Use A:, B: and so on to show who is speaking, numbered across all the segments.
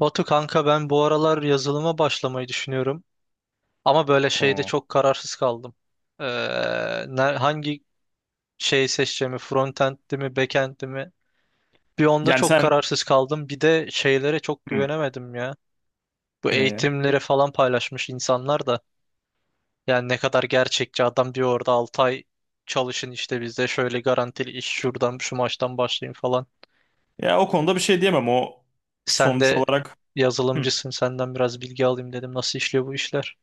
A: Batu kanka ben bu aralar yazılıma başlamayı düşünüyorum. Ama böyle şeyde
B: Oo.
A: çok kararsız kaldım. Ee, Hangi şeyi seçeceğimi, frontend'di mi, backend'di mi? Bir onda
B: Yani
A: çok
B: sen
A: kararsız kaldım. Bir de şeylere çok
B: hı,
A: güvenemedim ya. Bu
B: neye?
A: eğitimleri falan paylaşmış insanlar da. Yani ne kadar gerçekçi adam diyor orada 6 ay çalışın işte bizde şöyle garantili iş şuradan şu maçtan başlayın falan.
B: Ya o konuda bir şey diyemem. O
A: Sen
B: sonuç
A: de
B: olarak hı.
A: yazılımcısın, senden biraz bilgi alayım dedim. Nasıl işliyor bu işler?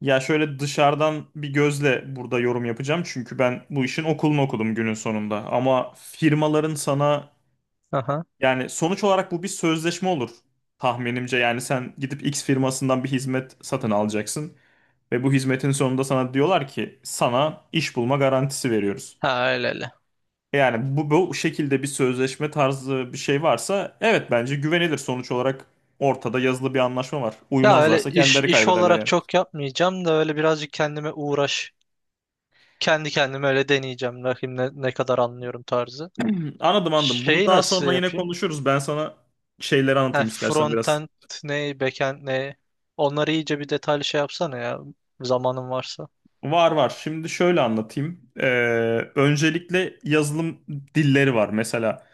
B: Ya şöyle dışarıdan bir gözle burada yorum yapacağım. Çünkü ben bu işin okulunu okudum günün sonunda. Ama firmaların sana
A: Aha.
B: yani sonuç olarak bu bir sözleşme olur tahminimce. Yani sen gidip X firmasından bir hizmet satın alacaksın. Ve bu hizmetin sonunda sana diyorlar ki sana iş bulma garantisi veriyoruz.
A: Ha, öyle öyle.
B: Yani bu şekilde bir sözleşme tarzı bir şey varsa evet bence güvenilir sonuç olarak ortada yazılı bir anlaşma var.
A: Ya öyle
B: Uymazlarsa
A: iş
B: kendileri
A: iş
B: kaybederler
A: olarak
B: yani.
A: çok yapmayacağım da öyle birazcık kendime uğraş. Kendi kendime öyle deneyeceğim. Bakayım ne kadar anlıyorum tarzı.
B: Anladım anladım. Bunu
A: Şeyi
B: daha
A: nasıl
B: sonra yine
A: yapayım?
B: konuşuruz. Ben sana şeyleri
A: Heh,
B: anlatayım istersen biraz.
A: frontend ne, backend ne? Onları iyice bir detaylı şey yapsana ya. Zamanın varsa.
B: Var var. Şimdi şöyle anlatayım. Öncelikle yazılım dilleri var. Mesela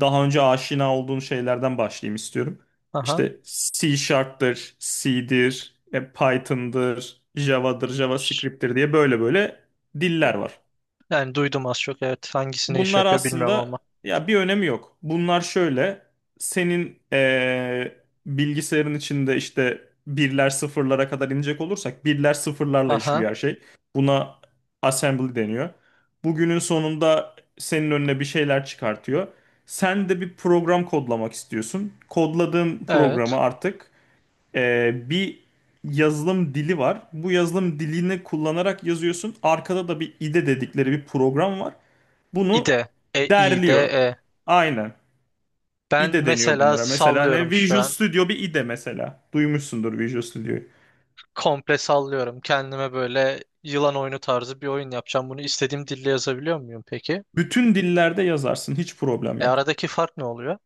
B: daha önce aşina olduğun şeylerden başlayayım istiyorum.
A: Aha.
B: İşte C Sharp'tır, C'dir, Python'dır, Java'dır,
A: Ş-
B: JavaScript'tir diye böyle böyle diller var.
A: Yani duydum az çok, evet. Hangisine iş
B: Bunlar
A: yapıyor bilmiyorum
B: aslında
A: ama.
B: ya bir önemi yok. Bunlar şöyle senin bilgisayarın içinde işte birler sıfırlara kadar inecek olursak birler sıfırlarla
A: Aha.
B: işliyor her şey. Buna assembly deniyor. Bugünün sonunda senin önüne bir şeyler çıkartıyor. Sen de bir program kodlamak istiyorsun. Kodladığın programı
A: Evet.
B: artık bir yazılım dili var. Bu yazılım dilini kullanarak yazıyorsun. Arkada da bir IDE dedikleri bir program var. Bunu
A: İde. E, İde,
B: derliyor.
A: E.
B: Aynen.
A: Ben
B: IDE deniyor
A: mesela
B: bunlara. Mesela ne?
A: sallıyorum şu
B: Visual
A: an,
B: Studio bir IDE mesela. Duymuşsundur Visual Studio'yu.
A: komple sallıyorum. Kendime böyle yılan oyunu tarzı bir oyun yapacağım. Bunu istediğim dille yazabiliyor muyum peki?
B: Bütün dillerde yazarsın. Hiç problem
A: E,
B: yok.
A: aradaki fark ne oluyor?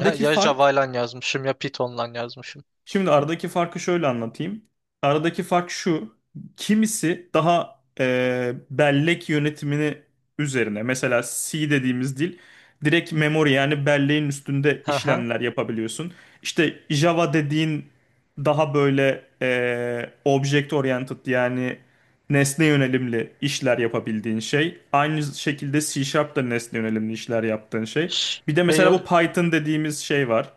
A: Ya, ya
B: fark
A: Java'yla yazmışım ya Python'la yazmışım.
B: Şimdi aradaki farkı şöyle anlatayım. Aradaki fark şu. Kimisi daha bellek yönetimini üzerine. Mesela C dediğimiz dil direkt memory yani belleğin üstünde
A: Hı hı.
B: işlemler yapabiliyorsun. İşte Java dediğin daha böyle object oriented yani nesne yönelimli işler yapabildiğin şey. Aynı şekilde C Sharp da nesne yönelimli işler yaptığın şey. Bir de
A: Şey,
B: mesela bu Python dediğimiz şey var.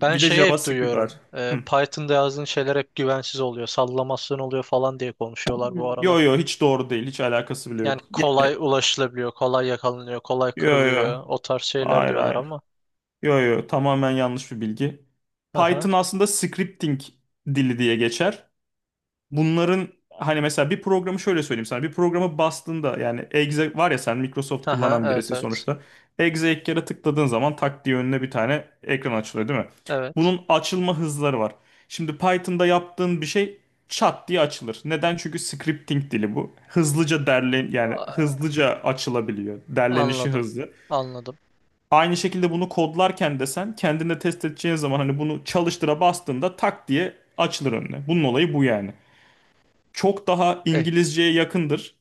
A: Ben
B: de
A: şeyi hep
B: JavaScript var.
A: duyuyorum.
B: Hı.
A: Python'da yazdığın şeyler hep güvensiz oluyor. Sallamasyon oluyor falan diye konuşuyorlar bu
B: Yo
A: aralar.
B: yo hiç doğru değil. Hiç alakası bile
A: Yani
B: yok. Yani,
A: kolay ulaşılabiliyor, kolay yakalanıyor, kolay
B: yo yo.
A: kırılıyor. O tarz şeyler
B: Hayır
A: diyorlar
B: hayır.
A: ama.
B: Yo yo tamamen yanlış bir bilgi.
A: Hı hı.
B: Python aslında scripting dili diye geçer. Bunların hani mesela bir programı şöyle söyleyeyim sana. Bir programı bastığında yani Exe var ya sen Microsoft
A: Hı hı.
B: kullanan
A: Evet,
B: birisin
A: evet.
B: sonuçta. Exe ilk kere tıkladığın zaman tak diye önüne bir tane ekran açılıyor değil mi?
A: Evet.
B: Bunun açılma hızları var. Şimdi Python'da yaptığın bir şey çat diye açılır. Neden? Çünkü scripting dili bu. Hızlıca derlen yani
A: A-
B: hızlıca açılabiliyor. Derlenişi
A: Anladım.
B: hızlı.
A: Anladım.
B: Aynı şekilde bunu kodlarken de sen kendinde test edeceğin zaman hani bunu çalıştıra bastığında tak diye açılır önüne. Bunun olayı bu yani çok daha
A: Eh,
B: İngilizceye yakındır.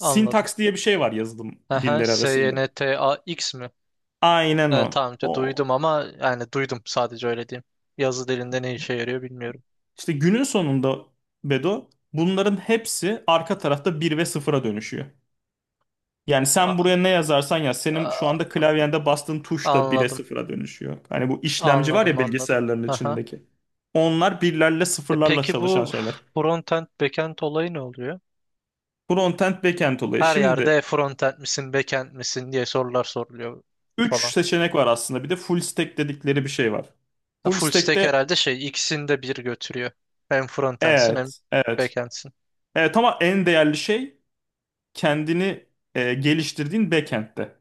A: anladım.
B: diye bir şey var yazılım
A: Aha,
B: dilleri arasında.
A: SYNTAX mi?
B: Aynen o.
A: Tamam, işte
B: O.
A: duydum ama yani duydum sadece, öyle diyeyim. Yazı dilinde ne işe yarıyor bilmiyorum.
B: İşte günün sonunda Bedo bunların hepsi arka tarafta bir ve sıfıra dönüşüyor. Yani sen
A: A-
B: buraya ne yazarsan yaz senin şu
A: a-
B: anda klavyende bastığın tuş da 1'e
A: anladım.
B: sıfıra dönüşüyor. Hani bu işlemci var
A: Anladım,
B: ya
A: anladım.
B: bilgisayarların
A: Aha.
B: içindeki. Onlar birlerle sıfırlarla
A: Peki
B: çalışan
A: bu
B: şeyler.
A: frontend backend olayı ne oluyor?
B: Frontend, backend olayı.
A: Her yerde
B: Şimdi
A: frontend misin backend misin diye sorular soruluyor
B: 3
A: falan.
B: seçenek var aslında. Bir de full stack dedikleri bir şey var.
A: Ha,
B: Full
A: full stack
B: stack'te
A: herhalde şey ikisini de bir götürüyor. Hem frontendsin hem
B: Evet, evet.
A: backendsin.
B: Evet ama en değerli şey kendini geliştirdiğin backend'te.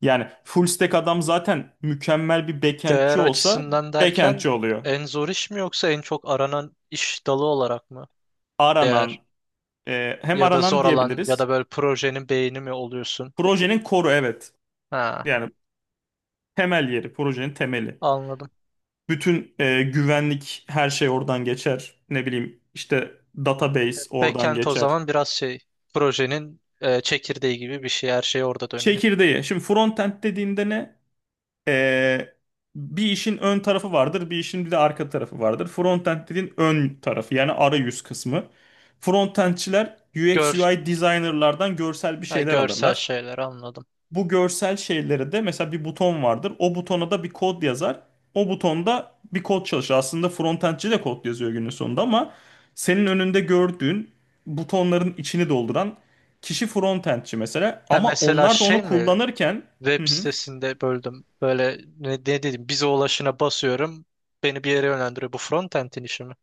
B: Yani full stack adam zaten mükemmel bir backendçi
A: Değer
B: olsa
A: açısından derken
B: backendçi oluyor.
A: en zor iş mi, yoksa en çok aranan iş dalı olarak mı?
B: Aranan,
A: Değer.
B: hem
A: Ya da
B: aranan
A: zor alan, ya
B: diyebiliriz.
A: da böyle projenin beyni mi oluyorsun?
B: Projenin koru evet.
A: Ha,
B: Yani temel yeri, projenin temeli.
A: anladım.
B: Bütün güvenlik her şey oradan geçer. Ne bileyim işte database oradan
A: Backend o
B: geçer.
A: zaman biraz şey, projenin çekirdeği gibi bir şey. Her şey orada dönüyor.
B: Çekirdeği. Şimdi frontend dediğinde ne? Ee, Bir işin ön tarafı vardır, bir işin bir de arka tarafı vardır. Frontend dediğin ön tarafı yani arayüz kısmı. Frontendçiler UX
A: Gör,
B: UI designerlardan görsel bir
A: ha,
B: şeyler
A: görsel
B: alırlar.
A: şeyler, anladım.
B: Bu görsel şeyleri de mesela bir buton vardır. O butona da bir kod yazar. O butonda bir kod çalışır. Aslında frontendçi de kod yazıyor günün sonunda ama senin önünde gördüğün butonların içini dolduran kişi frontendçi mesela.
A: Ha,
B: Ama
A: mesela
B: onlar da
A: şey
B: onu
A: mi,
B: kullanırken
A: web
B: Hı hı.
A: sitesinde böldüm. Böyle ne dedim, bize ulaşına basıyorum. Beni bir yere yönlendiriyor. Bu frontend'in işi mi?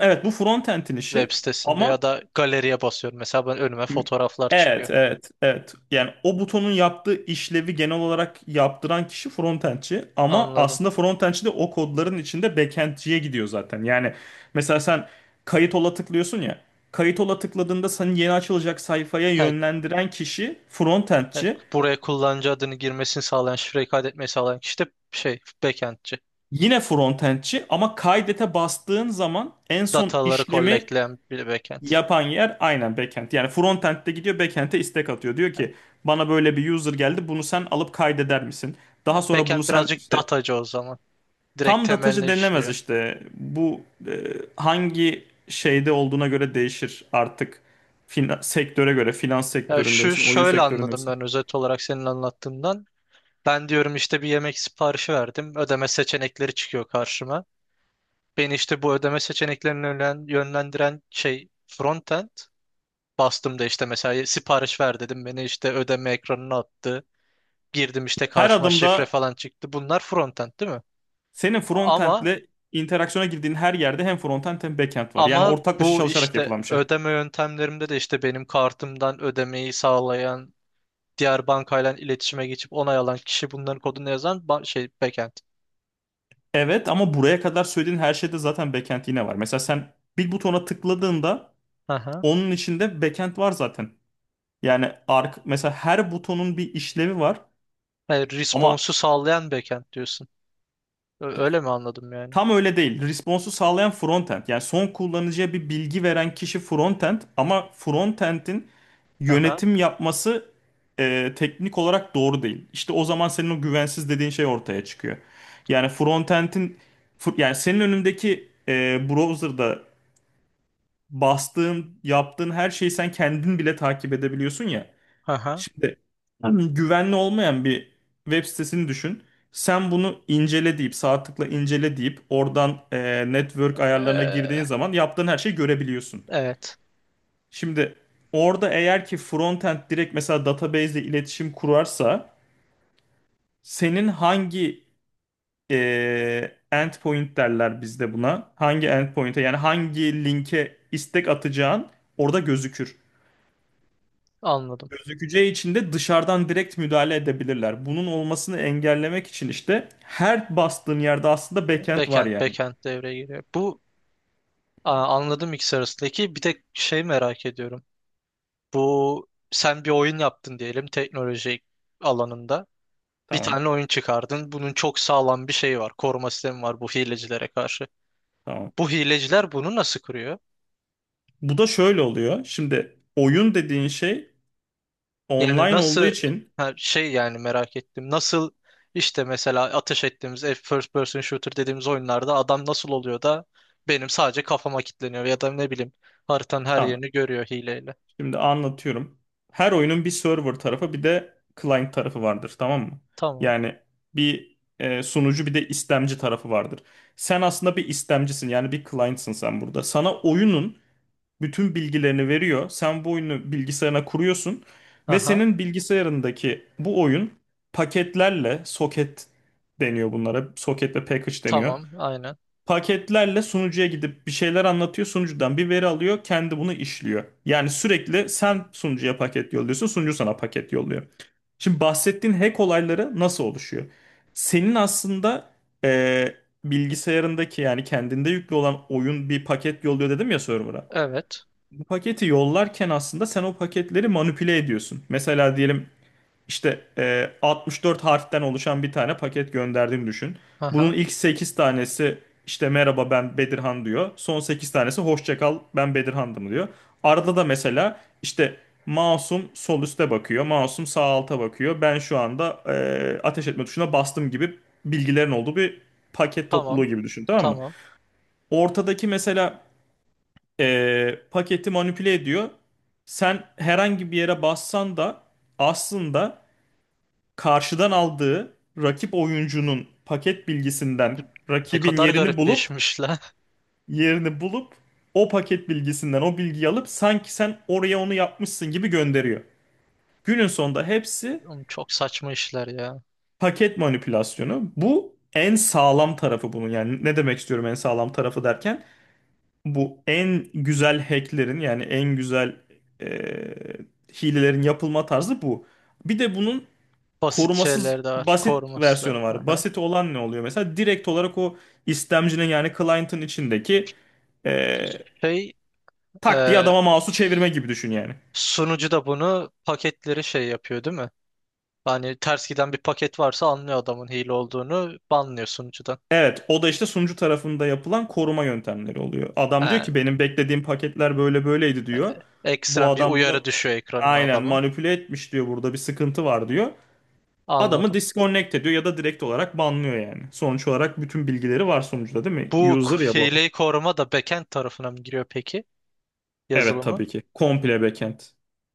B: Evet bu frontend'in
A: Web
B: işi
A: sitesinde ya
B: ama
A: da galeriye basıyorum. Mesela ben, önüme fotoğraflar çıkıyor.
B: evet, yani o butonun yaptığı işlevi genel olarak yaptıran kişi frontendçi ama
A: Anladım.
B: aslında frontendçi de o kodların içinde backendciye gidiyor zaten. Yani mesela sen kayıt ola tıklıyorsun ya kayıt ola tıkladığında seni yeni açılacak sayfaya
A: Ha,
B: yönlendiren kişi
A: yani
B: frontendçi
A: buraya kullanıcı adını girmesini sağlayan, şifreyi kaydetmeyi sağlayan kişi de şey backendçi.
B: yine frontendçi ama kaydete bastığın zaman en son
A: Dataları
B: işlemi
A: collectleyen bir backend.
B: yapan yer aynen backend. Yani frontend'de gidiyor backend'e istek atıyor. Diyor ki bana böyle bir user geldi bunu sen alıp kaydeder misin?
A: Yani
B: Daha sonra bunu
A: backend
B: sen
A: birazcık
B: işte
A: datacı o zaman. Direkt
B: tam da
A: temeline
B: taşı denilemez
A: işliyor.
B: işte. Bu e, hangi şeyde olduğuna göre değişir artık. Sektöre göre finans
A: Ya
B: sektöründe
A: şu,
B: misin, oyun
A: şöyle
B: sektöründe
A: anladım
B: misin?
A: ben özet olarak senin anlattığından. Ben diyorum işte bir yemek siparişi verdim. Ödeme seçenekleri çıkıyor karşıma. Beni işte bu ödeme seçeneklerini yönlendiren şey frontend. Bastım da işte mesela sipariş ver dedim. Beni işte ödeme ekranına attı. Girdim, işte
B: Her
A: karşıma şifre
B: adımda
A: falan çıktı. Bunlar frontend değil mi?
B: senin
A: Ama
B: frontend'le interaksiyona girdiğin her yerde hem frontend hem backend var. Yani
A: ama
B: ortaklaşa
A: bu
B: çalışarak
A: işte
B: yapılan bir şey.
A: ödeme yöntemlerimde de işte benim kartımdan ödemeyi sağlayan, diğer bankayla iletişime geçip onay alan kişi, bunların kodunu yazan şey backend.
B: Evet ama buraya kadar söylediğin her şeyde zaten backend yine var. Mesela sen bir butona tıkladığında
A: Aha.
B: onun içinde backend var zaten. Yani ark Mesela her butonun bir işlevi var
A: Yani
B: ama
A: response'u sağlayan backend diyorsun. Öyle mi anladım yani?
B: tam öyle değil. Response'u sağlayan frontend. Yani son kullanıcıya bir bilgi veren kişi frontend ama frontend'in
A: Aha.
B: yönetim yapması teknik olarak doğru değil. İşte o zaman senin o güvensiz dediğin şey ortaya çıkıyor. Yani yani senin önündeki browser'da bastığın, yaptığın her şeyi sen kendin bile takip edebiliyorsun ya.
A: Aha.
B: Şimdi güvenli olmayan bir web sitesini düşün. Sen bunu incele deyip sağ tıkla incele deyip oradan network ayarlarına girdiğin
A: Ee,
B: zaman yaptığın her şeyi görebiliyorsun.
A: evet.
B: Şimdi orada eğer ki frontend direkt mesela database ile iletişim kurarsa senin hangi endpoint derler bizde buna hangi endpoint'e yani hangi linke istek atacağın orada gözükür.
A: Anladım.
B: Gözükeceği için de dışarıdan direkt müdahale edebilirler. Bunun olmasını engellemek için işte her bastığın yerde aslında backend var
A: Backend
B: yani.
A: backend devreye giriyor. Aa, anladım ikisi arasındaki. Bir de şey merak ediyorum. Bu, sen bir oyun yaptın diyelim, teknoloji alanında. Bir
B: Tamam,
A: tane oyun çıkardın. Bunun çok sağlam bir şeyi var. Koruma sistemi var bu hilecilere karşı.
B: tamam.
A: Bu hileciler bunu nasıl kırıyor?
B: Bu da şöyle oluyor. Şimdi oyun dediğin şey
A: Yani
B: online olduğu
A: nasıl,
B: için
A: ha, şey, yani merak ettim. Nasıl işte mesela ateş ettiğimiz first person shooter dediğimiz oyunlarda adam nasıl oluyor da benim sadece kafama kilitleniyor, ya da ne bileyim, haritanın her
B: tamam.
A: yerini görüyor hileyle.
B: Şimdi anlatıyorum. Her oyunun bir server tarafı bir de client tarafı vardır, tamam mı?
A: Tamam.
B: Yani bir sunucu bir de istemci tarafı vardır. Sen aslında bir istemcisin yani bir client'sın sen burada. Sana oyunun bütün bilgilerini veriyor. Sen bu oyunu bilgisayarına kuruyorsun ve
A: Aha.
B: senin bilgisayarındaki bu oyun paketlerle soket deniyor bunlara. Soket ve package deniyor.
A: Tamam. Aynen.
B: Paketlerle sunucuya gidip bir şeyler anlatıyor. Sunucudan bir veri alıyor. Kendi bunu işliyor. Yani sürekli sen sunucuya paket yolluyorsun. Sunucu sana paket yolluyor. Şimdi bahsettiğin hack olayları nasıl oluşuyor? Senin aslında eee, bilgisayarındaki yani kendinde yüklü olan oyun bir paket yolluyor dedim ya server'a.
A: Evet.
B: Paketi yollarken aslında sen o paketleri manipüle ediyorsun. Mesela diyelim işte 64 harften oluşan bir tane paket gönderdiğini düşün. Bunun
A: Aha.
B: ilk 8 tanesi işte merhaba ben Bedirhan diyor. Son 8 tanesi hoşça kal ben Bedirhan'dım diyor. Arada da mesela işte Masum sol üste bakıyor. Masum sağ alta bakıyor. Ben şu anda ateş etme tuşuna bastım gibi bilgilerin olduğu bir paket topluluğu
A: Tamam.
B: gibi düşün tamam mı?
A: Tamam.
B: Ortadaki mesela paketi manipüle ediyor. Sen herhangi bir yere bassan da aslında karşıdan aldığı rakip oyuncunun paket bilgisinden
A: Ne
B: rakibin
A: kadar
B: yerini
A: garip bir
B: bulup
A: işmiş lan.
B: yerini bulup o paket bilgisinden o bilgiyi alıp sanki sen oraya onu yapmışsın gibi gönderiyor. Günün sonunda hepsi
A: Oğlum, çok saçma işler ya.
B: paket manipülasyonu. Bu en sağlam tarafı bunun. Yani ne demek istiyorum en sağlam tarafı derken? Bu en güzel hacklerin yani en güzel eee, hilelerin yapılma tarzı bu. Bir de bunun
A: Basit
B: korumasız
A: şeyler de var.
B: basit
A: Koruması da.
B: versiyonu var.
A: Aha.
B: Basit olan ne oluyor? Mesela direkt olarak o istemcinin yani client'ın içindeki eee
A: Şey,
B: tak diye
A: e,
B: adama mouse'u çevirme gibi düşün yani.
A: sunucu da bunu, paketleri şey yapıyor değil mi? Hani ters giden bir paket varsa anlıyor adamın hile olduğunu, banlıyor sunucudan.
B: Evet, o da işte sunucu tarafında yapılan koruma yöntemleri oluyor.
A: He,
B: Adam diyor ki benim beklediğim paketler böyle böyleydi diyor. Bu
A: ekstrem bir
B: adam bunu
A: uyarı düşüyor ekranına
B: aynen
A: adamın.
B: manipüle etmiş diyor. Burada bir sıkıntı var diyor. Adamı
A: Anladım.
B: disconnect ediyor ya da direkt olarak banlıyor yani. Sonuç olarak bütün bilgileri var sonuçta değil
A: Bu
B: mi? User ya bu. Adam.
A: hileyi koruma da backend tarafına mı giriyor peki
B: Evet
A: yazılımı?
B: tabii ki. Komple backend.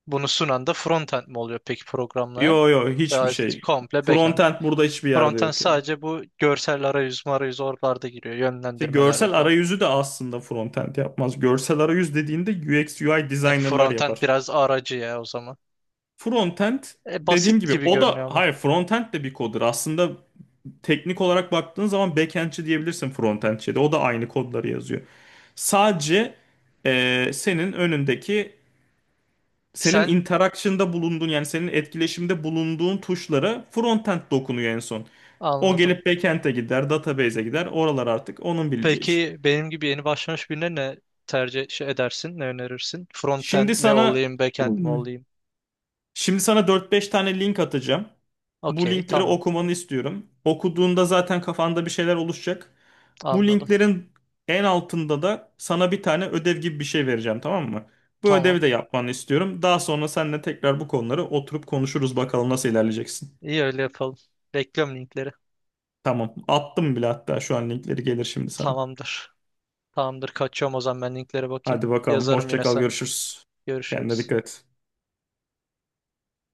A: Bunu sunan da frontend mi oluyor peki programlayan?
B: Yo yo hiçbir
A: Ya,
B: şey.
A: komple backend.
B: Frontend burada hiçbir yerde
A: Frontend
B: yok yani.
A: sadece bu görsel arayüz marayüz, oralarda giriyor.
B: İşte
A: Yönlendirmelerde
B: görsel
A: falan.
B: arayüzü de aslında frontend yapmaz. Görsel arayüz dediğinde UX UI
A: E,
B: designerlar
A: frontend
B: yapar.
A: biraz aracı ya o zaman.
B: Frontend
A: E,
B: dediğim
A: basit
B: gibi
A: gibi
B: o da
A: görünüyor ama.
B: hayır frontend de bir koddur. Aslında teknik olarak baktığın zaman backendçi diyebilirsin frontendçiye de. O da aynı kodları yazıyor. Sadece senin önündeki senin
A: Sen
B: interaction'da bulunduğun yani senin etkileşimde bulunduğun tuşlara frontend dokunuyor en son. O
A: anladım.
B: gelip backend'e gider, database'e gider. Oralar artık onun bileceği iş.
A: Peki benim gibi yeni başlamış birine ne tercih şey edersin? Ne önerirsin? Frontend
B: Şimdi
A: mi
B: sana
A: olayım, backend mi olayım?
B: Şimdi sana 4-5 tane link atacağım. Bu
A: Okey,
B: linkleri
A: tamam.
B: okumanı istiyorum. Okuduğunda zaten kafanda bir şeyler oluşacak. Bu
A: Anladım.
B: linklerin en altında da sana bir tane ödev gibi bir şey vereceğim, tamam mı? Bu
A: Tamam.
B: ödevi de yapmanı istiyorum. Daha sonra seninle tekrar bu konuları oturup konuşuruz bakalım nasıl ilerleyeceksin.
A: İyi, öyle yapalım. Bekliyorum linkleri.
B: Tamam. Attım bile hatta şu an linkleri gelir şimdi sana.
A: Tamamdır. Tamamdır. Kaçıyorum o zaman, ben linklere bakayım.
B: Hadi bakalım.
A: Yazarım
B: Hoşça
A: yine
B: kal.
A: sana.
B: Görüşürüz. Kendine
A: Görüşürüz.
B: dikkat et.